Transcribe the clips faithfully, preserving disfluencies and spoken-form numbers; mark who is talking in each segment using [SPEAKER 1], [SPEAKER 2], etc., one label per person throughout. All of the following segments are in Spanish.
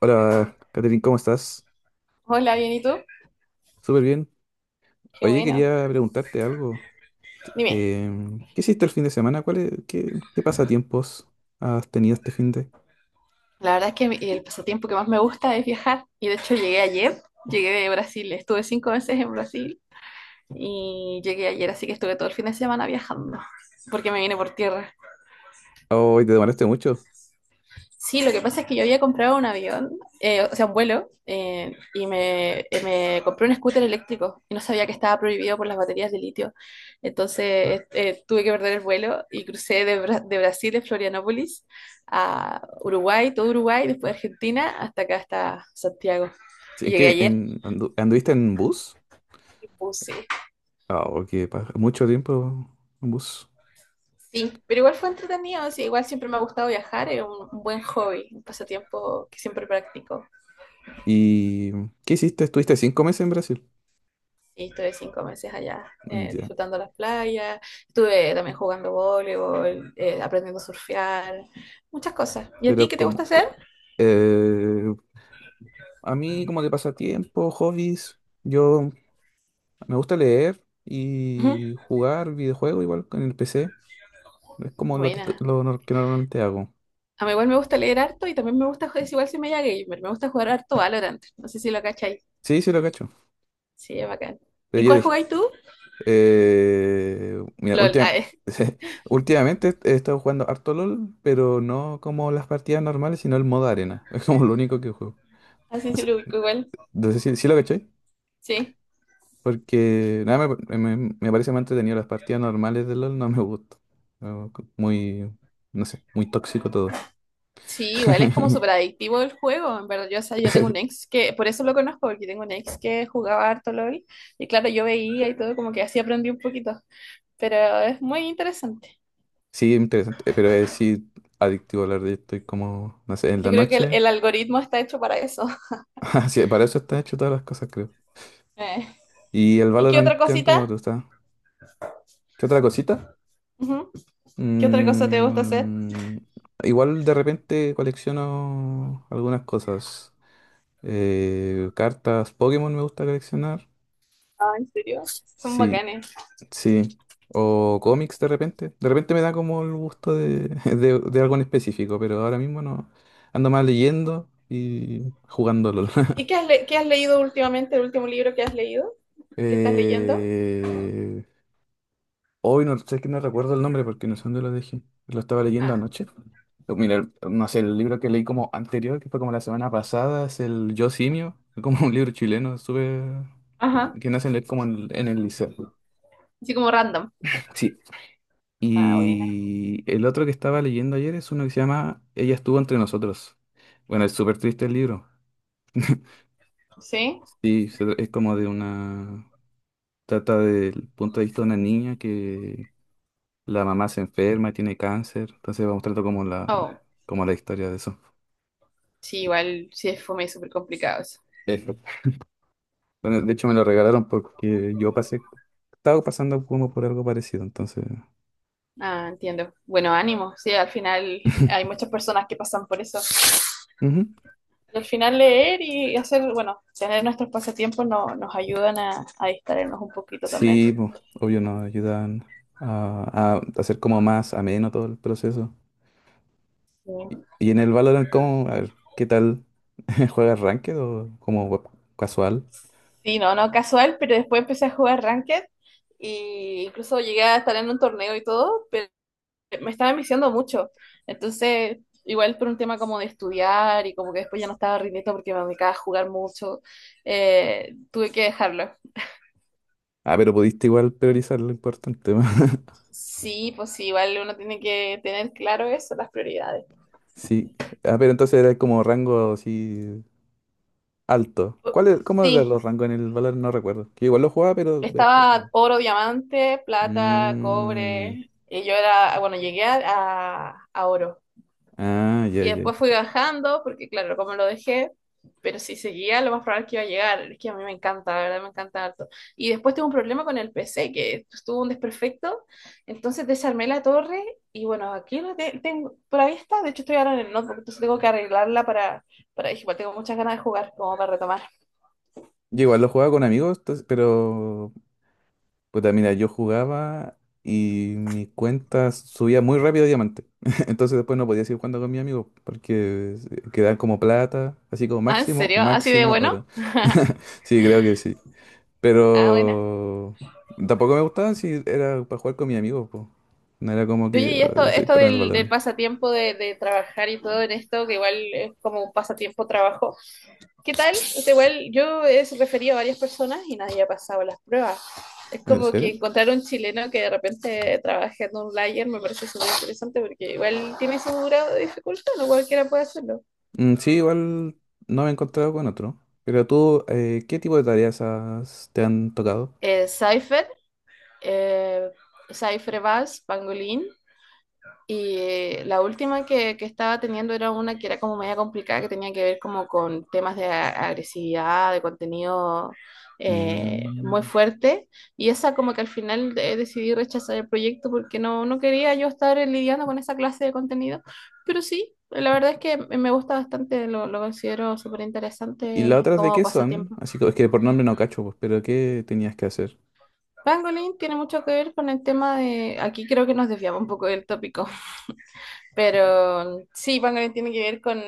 [SPEAKER 1] Hola, Catherine, ¿cómo estás?
[SPEAKER 2] Hola, bien, ¿y tú?
[SPEAKER 1] Súper bien.
[SPEAKER 2] Qué
[SPEAKER 1] Oye,
[SPEAKER 2] bueno.
[SPEAKER 1] quería preguntarte algo.
[SPEAKER 2] Dime,
[SPEAKER 1] Em, ¿qué hiciste el fin de semana? ¿Cuál es- qué, qué pasatiempos has tenido este fin de?
[SPEAKER 2] la verdad es que mi- el pasatiempo que más me gusta es viajar. Y de hecho llegué ayer, llegué de Brasil, estuve cinco veces en Brasil y llegué ayer, así que estuve todo el fin de semana viajando, porque me vine por tierra.
[SPEAKER 1] Oh, te demoraste mucho.
[SPEAKER 2] Sí, lo que pasa es que yo había comprado un avión, eh, o sea, un vuelo, eh, y me, eh, me compré un scooter eléctrico y no sabía que estaba prohibido por las baterías de litio. Entonces eh, eh, tuve que perder el vuelo y crucé de, Bra- de Brasil, de Florianópolis, a Uruguay, todo Uruguay, después Argentina, hasta acá, hasta Santiago.
[SPEAKER 1] Sí,
[SPEAKER 2] Y
[SPEAKER 1] ¿en
[SPEAKER 2] llegué
[SPEAKER 1] qué,
[SPEAKER 2] ayer
[SPEAKER 1] en, andu- anduviste en bus?
[SPEAKER 2] en bus, sí.
[SPEAKER 1] Ah, que pa- mucho tiempo en bus.
[SPEAKER 2] Sí, pero igual fue entretenido, sí, igual siempre me ha gustado viajar, es un un buen hobby, un pasatiempo que siempre practico.
[SPEAKER 1] ¿Y qué hiciste? ¿Estuviste cinco meses en Brasil?
[SPEAKER 2] Sí, estuve cinco meses allá,
[SPEAKER 1] Mm,
[SPEAKER 2] eh,
[SPEAKER 1] ya.
[SPEAKER 2] disfrutando las playas, estuve también jugando voleibol, eh, aprendiendo a surfear, muchas cosas. ¿Y a ti
[SPEAKER 1] Pero
[SPEAKER 2] qué te
[SPEAKER 1] como...
[SPEAKER 2] gusta hacer?
[SPEAKER 1] co- eh, a mí como de pasatiempo, hobbies, yo me gusta leer
[SPEAKER 2] Ujú.
[SPEAKER 1] y jugar videojuegos igual con el P C. Es como lo que,
[SPEAKER 2] Buena.
[SPEAKER 1] lo nor- que normalmente hago.
[SPEAKER 2] A mí igual me gusta leer harto y también me gusta, es igual si me llega gamer, me gusta jugar harto Valorant. No sé si lo cacháis.
[SPEAKER 1] Sí, sí lo cacho.
[SPEAKER 2] Sí, es bacán.
[SPEAKER 1] Pero
[SPEAKER 2] ¿Y
[SPEAKER 1] yo
[SPEAKER 2] cuál
[SPEAKER 1] dije,
[SPEAKER 2] jugáis tú?
[SPEAKER 1] eh, mira,
[SPEAKER 2] LOL. Ah,
[SPEAKER 1] última-
[SPEAKER 2] eh.
[SPEAKER 1] últimamente he estado jugando harto LOL, pero no como las partidas normales, sino el modo arena. Es como lo único que juego.
[SPEAKER 2] Ah, sí, sí, lo ubico igual.
[SPEAKER 1] Entonces, sí, sí lo caché.
[SPEAKER 2] Sí.
[SPEAKER 1] Porque nada, me, me- me parece más entretenido las partidas normales de LOL, no me gusta. No, co- Muy, no sé, muy tóxico todo.
[SPEAKER 2] Sí, igual es como súper adictivo el juego. En verdad, yo, o sea, yo tengo un ex que, por eso lo conozco, porque tengo un ex que jugaba harto LOL. Y claro, yo veía y todo, como que así aprendí un poquito, pero es muy interesante.
[SPEAKER 1] Sí, interesante. eh, Pero es sí adictivo hablar de esto. Y como, no sé, en
[SPEAKER 2] Yo
[SPEAKER 1] la
[SPEAKER 2] creo que el,
[SPEAKER 1] noche.
[SPEAKER 2] el algoritmo está hecho para eso.
[SPEAKER 1] Así, para eso está hecho todas las cosas, creo.
[SPEAKER 2] Eh,
[SPEAKER 1] ¿Y el
[SPEAKER 2] ¿Y qué
[SPEAKER 1] Valorant
[SPEAKER 2] otra
[SPEAKER 1] qué tanto me
[SPEAKER 2] cosita?
[SPEAKER 1] gusta? ¿Qué otra cosita?
[SPEAKER 2] Ujú. ¿Qué otra cosa te gusta hacer?
[SPEAKER 1] Mm, igual de repente colecciono algunas cosas. Eh, cartas Pokémon me gusta coleccionar.
[SPEAKER 2] Ah, ¿en serio? Son
[SPEAKER 1] Sí,
[SPEAKER 2] bacanes.
[SPEAKER 1] sí. O cómics de repente. De repente me da como el gusto de, de, de algo en específico, pero ahora mismo no. Ando más leyendo y jugando LOL.
[SPEAKER 2] ¿Y qué has, le- qué has leído últimamente, el último libro que has leído? ¿Qué estás leyendo?
[SPEAKER 1] Eh, hoy no sé que no recuerdo el nombre porque no sé dónde lo dejé. Lo estaba leyendo
[SPEAKER 2] Ah,
[SPEAKER 1] anoche. Pero mira, no sé, el libro que leí como anterior, que fue como la semana pasada, es el Yo Simio, como un libro chileno, súper... que,
[SPEAKER 2] ajá.
[SPEAKER 1] que nacen leer como en, en el liceo.
[SPEAKER 2] Así como random.
[SPEAKER 1] Sí.
[SPEAKER 2] Ah, buena.
[SPEAKER 1] Y el otro que estaba leyendo ayer es uno que se llama Ella estuvo entre nosotros. Bueno, es súper triste el libro.
[SPEAKER 2] ¿Sí?
[SPEAKER 1] Sí, se- es como de una... Trata del punto de vista de una niña que la mamá se enferma y tiene cáncer, entonces va mostrando como la,
[SPEAKER 2] Oh,
[SPEAKER 1] como la historia de eso.
[SPEAKER 2] sí, igual sí es fome y súper complicado eso.
[SPEAKER 1] Eso. Bueno, de hecho me lo regalaron porque yo pasé, estaba pasando como por algo parecido, entonces...
[SPEAKER 2] Ah, entiendo. Bueno, ánimo. Sí, al final hay muchas personas que pasan por eso.
[SPEAKER 1] Ujú.
[SPEAKER 2] Y al final leer y hacer, bueno, tener nuestros pasatiempos no, nos ayudan a, a distraernos un poquito también.
[SPEAKER 1] Sí, pues, obvio nos ayudan a, a hacer como más ameno todo el proceso.
[SPEAKER 2] Sí.
[SPEAKER 1] Y, y en el Valorant, ¿cómo? A ver, ¿qué tal? ¿Juegas ranked o como web- casual?
[SPEAKER 2] Sí, no, no casual, pero después empecé a jugar Ranked y incluso llegué a estar en un torneo y todo, pero me estaba enviciando mucho. Entonces, igual por un tema como de estudiar y como que después ya no estaba rindiendo porque me dedicaba a jugar mucho, eh, tuve que dejarlo.
[SPEAKER 1] Ah, pero pudiste igual priorizar lo importante.
[SPEAKER 2] Sí, pues sí, igual uno tiene que tener claro eso, las prioridades.
[SPEAKER 1] Sí. Ah, pero entonces era como rango así alto. ¿Cuál es, cómo eran
[SPEAKER 2] Sí,
[SPEAKER 1] los rangos en el valor? No recuerdo. Que igual lo jugaba, pero después. Mm,
[SPEAKER 2] estaba oro, diamante, plata,
[SPEAKER 1] mm,
[SPEAKER 2] cobre, y yo era, bueno, llegué a, a- a oro.
[SPEAKER 1] ah, ya,
[SPEAKER 2] Y
[SPEAKER 1] ya, ya.
[SPEAKER 2] después fui bajando, porque claro, como lo dejé, pero si seguía, lo más probable es que iba a llegar. Es que a mí me encanta, la verdad, me encanta harto. Y después tuve un problema con el P C, que estuvo un desperfecto, entonces desarmé la torre, y bueno, aquí lo te- tengo, por ahí está, de hecho estoy ahora en el notebook, entonces tengo que arreglarla para, para, igual tengo muchas ganas de jugar, como para retomar.
[SPEAKER 1] Yo igual lo jugaba con amigos, entonces, pero. Puta, mira, yo jugaba y mi cuenta subía muy rápido a diamante. Entonces después no podía seguir jugando con mi amigo porque quedaban como plata, así como
[SPEAKER 2] Ah, ¿en
[SPEAKER 1] máximo,
[SPEAKER 2] serio? ¿Así de
[SPEAKER 1] máximo
[SPEAKER 2] bueno?
[SPEAKER 1] oro. Sí, creo que sí.
[SPEAKER 2] Ah, buena.
[SPEAKER 1] Pero tampoco me gustaba si era para jugar con mi amigo, po. No era como
[SPEAKER 2] Oye,
[SPEAKER 1] que
[SPEAKER 2] y esto,
[SPEAKER 1] ah, soy
[SPEAKER 2] esto
[SPEAKER 1] para el
[SPEAKER 2] del, del
[SPEAKER 1] balón.
[SPEAKER 2] pasatiempo de, de trabajar y todo en esto, que igual es como un pasatiempo trabajo, ¿qué tal? O sea, igual yo he referido a varias personas y nadie ha pasado las pruebas. Es
[SPEAKER 1] ¿En
[SPEAKER 2] como que
[SPEAKER 1] serio?
[SPEAKER 2] encontrar un chileno que de repente trabaje en un layer me parece súper interesante porque igual tiene su grado de dificultad, no cualquiera puede hacerlo.
[SPEAKER 1] Mm, sí, igual no me he encontrado con otro. Pero tú, eh, ¿qué tipo de tareas has- te han tocado?
[SPEAKER 2] Eh, Cypher, eh, Cypher Bass, Pangolin, y eh, la última que, que estaba teniendo era una que era como media complicada, que tenía que ver como con temas de a- agresividad, de contenido eh, muy
[SPEAKER 1] Mm,
[SPEAKER 2] fuerte. Y esa como que al final eh, decidí rechazar el proyecto porque no, no quería yo estar eh, lidiando con esa clase de contenido. Pero sí, la verdad es que me me gusta bastante, lo, lo considero súper
[SPEAKER 1] ¿y las
[SPEAKER 2] interesante
[SPEAKER 1] otras de
[SPEAKER 2] como
[SPEAKER 1] qué son?
[SPEAKER 2] pasatiempo.
[SPEAKER 1] Así que es que por nombre no cacho, pues, pero ¿qué tenías que hacer?
[SPEAKER 2] Pangolin tiene mucho que ver con el tema de, aquí creo que nos desviamos un poco del tópico, pero sí, Pangolin tiene que ver con,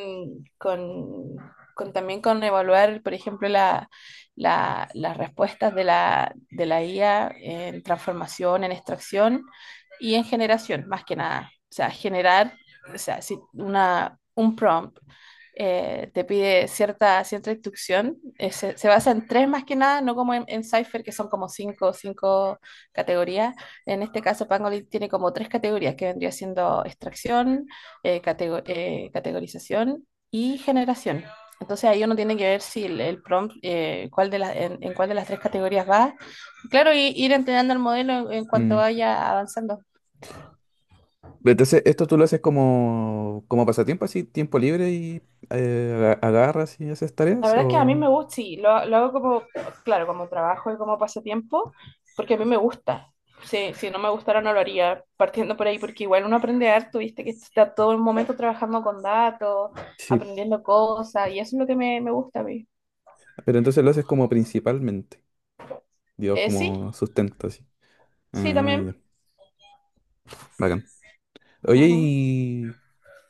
[SPEAKER 2] con, con también con evaluar, por ejemplo, la, la- las respuestas de la, de la, I A en transformación, en extracción y en generación, más que nada. O sea, generar, o sea, si una, un prompt eh, te pide cierta, cierta, instrucción, eh, se, se basa en tres más que nada, no como en, en Cypher, que son como cinco, cinco categorías en este caso, Pangolin tiene como tres categorías que vendría siendo extracción, eh, catego- eh, categorización y generación. Entonces ahí uno tiene que ver si el, el prompt, eh, cuál de las, en, en cuál de las tres categorías va. Claro, y ir entrenando el modelo en, en cuanto
[SPEAKER 1] Mm,
[SPEAKER 2] vaya avanzando.
[SPEAKER 1] pero entonces, esto tú lo haces como, como pasatiempo, así, tiempo libre y eh, aga- agarras y haces
[SPEAKER 2] La
[SPEAKER 1] tareas,
[SPEAKER 2] verdad es que a mí
[SPEAKER 1] o...
[SPEAKER 2] me gusta, sí, lo, lo hago como, claro, como trabajo y como pasatiempo, porque a mí me gusta. Si, si no me gustara no lo haría, partiendo por ahí, porque igual uno aprende harto, viste, que está todo el momento trabajando con datos,
[SPEAKER 1] Sí,
[SPEAKER 2] aprendiendo cosas, y eso es lo que me, me gusta a mí.
[SPEAKER 1] pero entonces lo haces como principalmente, digo,
[SPEAKER 2] Eh, sí,
[SPEAKER 1] como sustento, así.
[SPEAKER 2] sí,
[SPEAKER 1] Ah,
[SPEAKER 2] también.
[SPEAKER 1] ya, bacán. Oye,
[SPEAKER 2] Ujú.
[SPEAKER 1] ¿y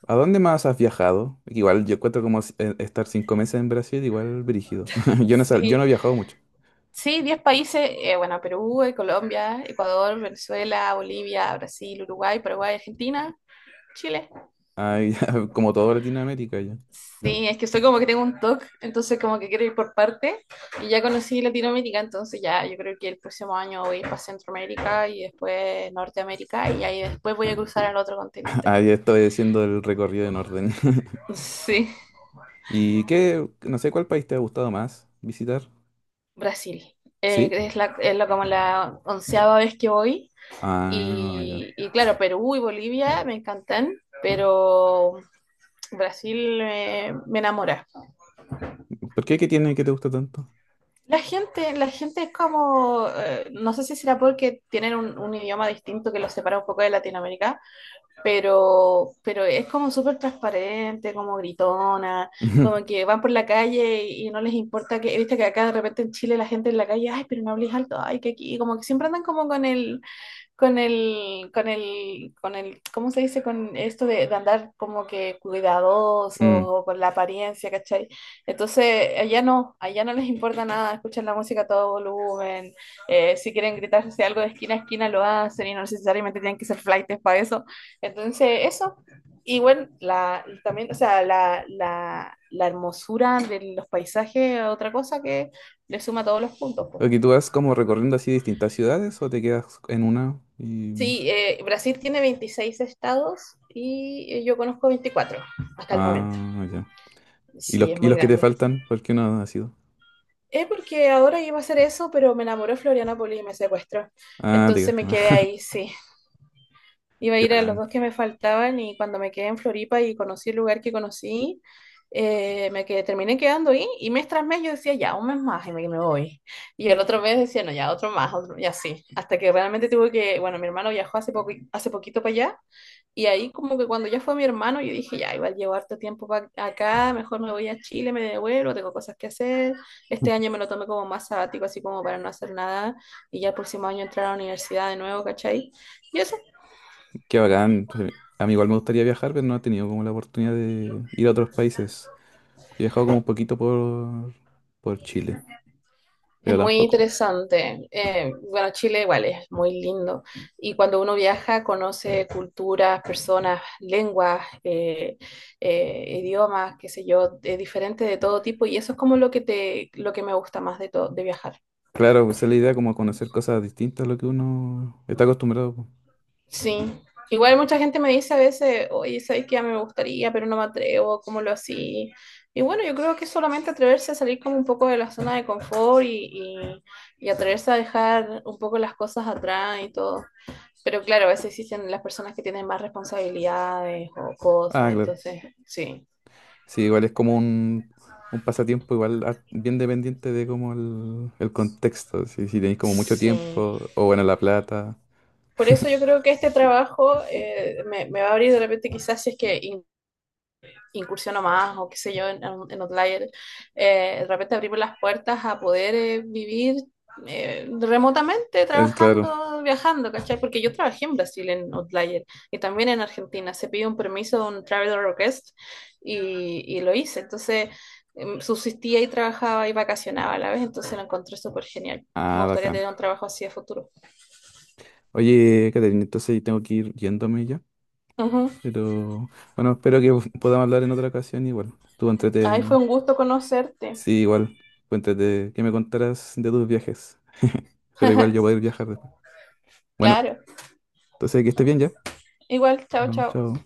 [SPEAKER 1] ¿a dónde más has viajado? Igual yo encuentro como si- eh, estar cinco meses en Brasil, igual brígido. Yo no, sal- yo no
[SPEAKER 2] Sí,
[SPEAKER 1] he viajado mucho.
[SPEAKER 2] sí, diez países, eh, bueno, Perú, eh, Colombia, Ecuador, Venezuela, Bolivia, Brasil, Uruguay, Paraguay, Argentina, Chile.
[SPEAKER 1] Ay, como toda Latinoamérica ya.
[SPEAKER 2] Sí, es que soy como que tengo un TOC, entonces como que quiero ir por parte. Y ya conocí Latinoamérica, entonces ya yo creo que el próximo año voy para Centroamérica y después Norteamérica y ahí después voy a cruzar al otro continente.
[SPEAKER 1] Ahí estoy haciendo el recorrido en orden.
[SPEAKER 2] Sí,
[SPEAKER 1] ¿Y qué? No sé cuál país te ha gustado más visitar.
[SPEAKER 2] Brasil. Eh,
[SPEAKER 1] ¿Sí?
[SPEAKER 2] es la, es la- como la onceava vez que voy.
[SPEAKER 1] Ah, ya.
[SPEAKER 2] Y, y claro, Perú y Bolivia me encantan, pero Brasil eh, me enamora.
[SPEAKER 1] ¿Por qué? ¿Qué tiene que te gusta tanto?
[SPEAKER 2] La gente, la gente es como, eh, no sé si será porque tienen un, un, idioma distinto que los separa un poco de Latinoamérica, pero, pero es como súper transparente, como gritona, como que van por la calle y, y no les importa que, viste que acá de repente en Chile la gente en la calle, ay, pero no hables alto, ay, que aquí, como que siempre andan como con el, con el, con el, con el, ¿cómo se dice? Con esto de, de andar como que cuidadosos
[SPEAKER 1] Mm.
[SPEAKER 2] o con la apariencia, ¿cachai? Entonces, allá no, allá no les importa nada, escuchan la música a todo volumen, eh, si quieren gritarse algo de esquina a esquina lo hacen y no necesariamente tienen que ser flaites para eso. Entonces, eso. Y bueno, la, y también, o sea, la, la, la hermosura de los paisajes, es otra cosa que le suma todos los puntos, pues.
[SPEAKER 1] Ok, ¿tú vas como recorriendo así distintas ciudades o te quedas en una? Y...
[SPEAKER 2] Sí, eh, Brasil tiene veintiséis estados y eh, yo conozco veinticuatro hasta el momento.
[SPEAKER 1] Ah, ya. ¿Y
[SPEAKER 2] Sí,
[SPEAKER 1] los,
[SPEAKER 2] es
[SPEAKER 1] y
[SPEAKER 2] muy
[SPEAKER 1] los que te
[SPEAKER 2] grande.
[SPEAKER 1] faltan? ¿Por qué no has ido?
[SPEAKER 2] Es porque ahora iba a hacer eso, pero me enamoró Florianópolis y me secuestró.
[SPEAKER 1] Ah, te
[SPEAKER 2] Entonces
[SPEAKER 1] quedaste
[SPEAKER 2] me
[SPEAKER 1] más.
[SPEAKER 2] quedé ahí, sí. Iba a
[SPEAKER 1] Qué
[SPEAKER 2] ir a los
[SPEAKER 1] bacán.
[SPEAKER 2] dos que me faltaban y cuando me quedé en Floripa y conocí el lugar que conocí, eh, me quedé, terminé quedando ahí y mes tras mes yo decía, ya, un mes más y me, me voy. Y el otro mes decía, no, ya, otro más, otro, y así. Hasta que realmente tuve que, bueno, mi hermano viajó hace, poco, hace poquito para allá y ahí como que cuando ya fue mi hermano, yo dije, ya, igual llevo harto tiempo pa- acá, mejor me voy a Chile, me devuelvo, tengo cosas que hacer. Este año me lo tomé como más sabático, así como para no hacer nada, y ya el próximo año entrar a la universidad de nuevo, ¿cachai? Y eso
[SPEAKER 1] Qué bacán. A mí igual me gustaría viajar, pero no he tenido como la oportunidad de ir a otros países. He viajado como un poquito por, por Chile,
[SPEAKER 2] es
[SPEAKER 1] pero
[SPEAKER 2] muy
[SPEAKER 1] tampoco.
[SPEAKER 2] interesante. Eh, bueno, Chile igual es muy lindo. Y cuando uno viaja, conoce culturas, personas, lenguas, eh, eh, idiomas, qué sé yo, de- diferentes de todo tipo, y eso es como lo que te, lo que me gusta más de todo, de viajar.
[SPEAKER 1] Claro, pues esa es la idea como conocer cosas distintas a lo que uno está acostumbrado, po.
[SPEAKER 2] Sí. Igual mucha gente me dice a veces, oye, ¿sabes qué? Ya me gustaría, pero no me atrevo, ¿cómo lo así? Y bueno, yo creo que es solamente atreverse a salir como un poco de la zona de confort y, y, y atreverse a dejar un poco las cosas atrás y todo. Pero claro, a veces existen las personas que tienen más responsabilidades o
[SPEAKER 1] Ah,
[SPEAKER 2] cosas,
[SPEAKER 1] claro.
[SPEAKER 2] entonces, sí,
[SPEAKER 1] Sí, igual es como un, un pasatiempo igual har- bien dependiente de como el, el contexto. Si, si tenéis como mucho
[SPEAKER 2] sí.
[SPEAKER 1] tiempo o bueno, la plata.
[SPEAKER 2] Por eso yo creo que este trabajo eh, me, me va a abrir de repente quizás si es que incursiono más o qué sé yo en, en, Outlier, eh, de repente abrimos las puertas a poder eh, vivir eh, remotamente
[SPEAKER 1] Es claro.
[SPEAKER 2] trabajando, viajando, ¿cachai? Porque yo trabajé en Brasil en Outlier y también en Argentina. Se pide un permiso, un traveler request y, y lo hice. Entonces em, subsistía y trabajaba y vacacionaba a la vez, entonces lo encontré súper genial. Me
[SPEAKER 1] Ah,
[SPEAKER 2] gustaría
[SPEAKER 1] bacán.
[SPEAKER 2] tener un trabajo así a futuro.
[SPEAKER 1] Oye, Caterina, entonces tengo que ir yéndome ya.
[SPEAKER 2] Ujú.
[SPEAKER 1] Pero bueno, espero que po- podamos hablar en otra ocasión igual. Tú
[SPEAKER 2] Ay, fue
[SPEAKER 1] entrete,
[SPEAKER 2] un gusto conocerte.
[SPEAKER 1] sí, igual, tú entrete que me contarás de tus viajes. Pero igual yo voy a ir viajar después. Bueno,
[SPEAKER 2] Claro.
[SPEAKER 1] entonces que estés bien ya.
[SPEAKER 2] Igual, chao,
[SPEAKER 1] Vamos,
[SPEAKER 2] chao.
[SPEAKER 1] chao.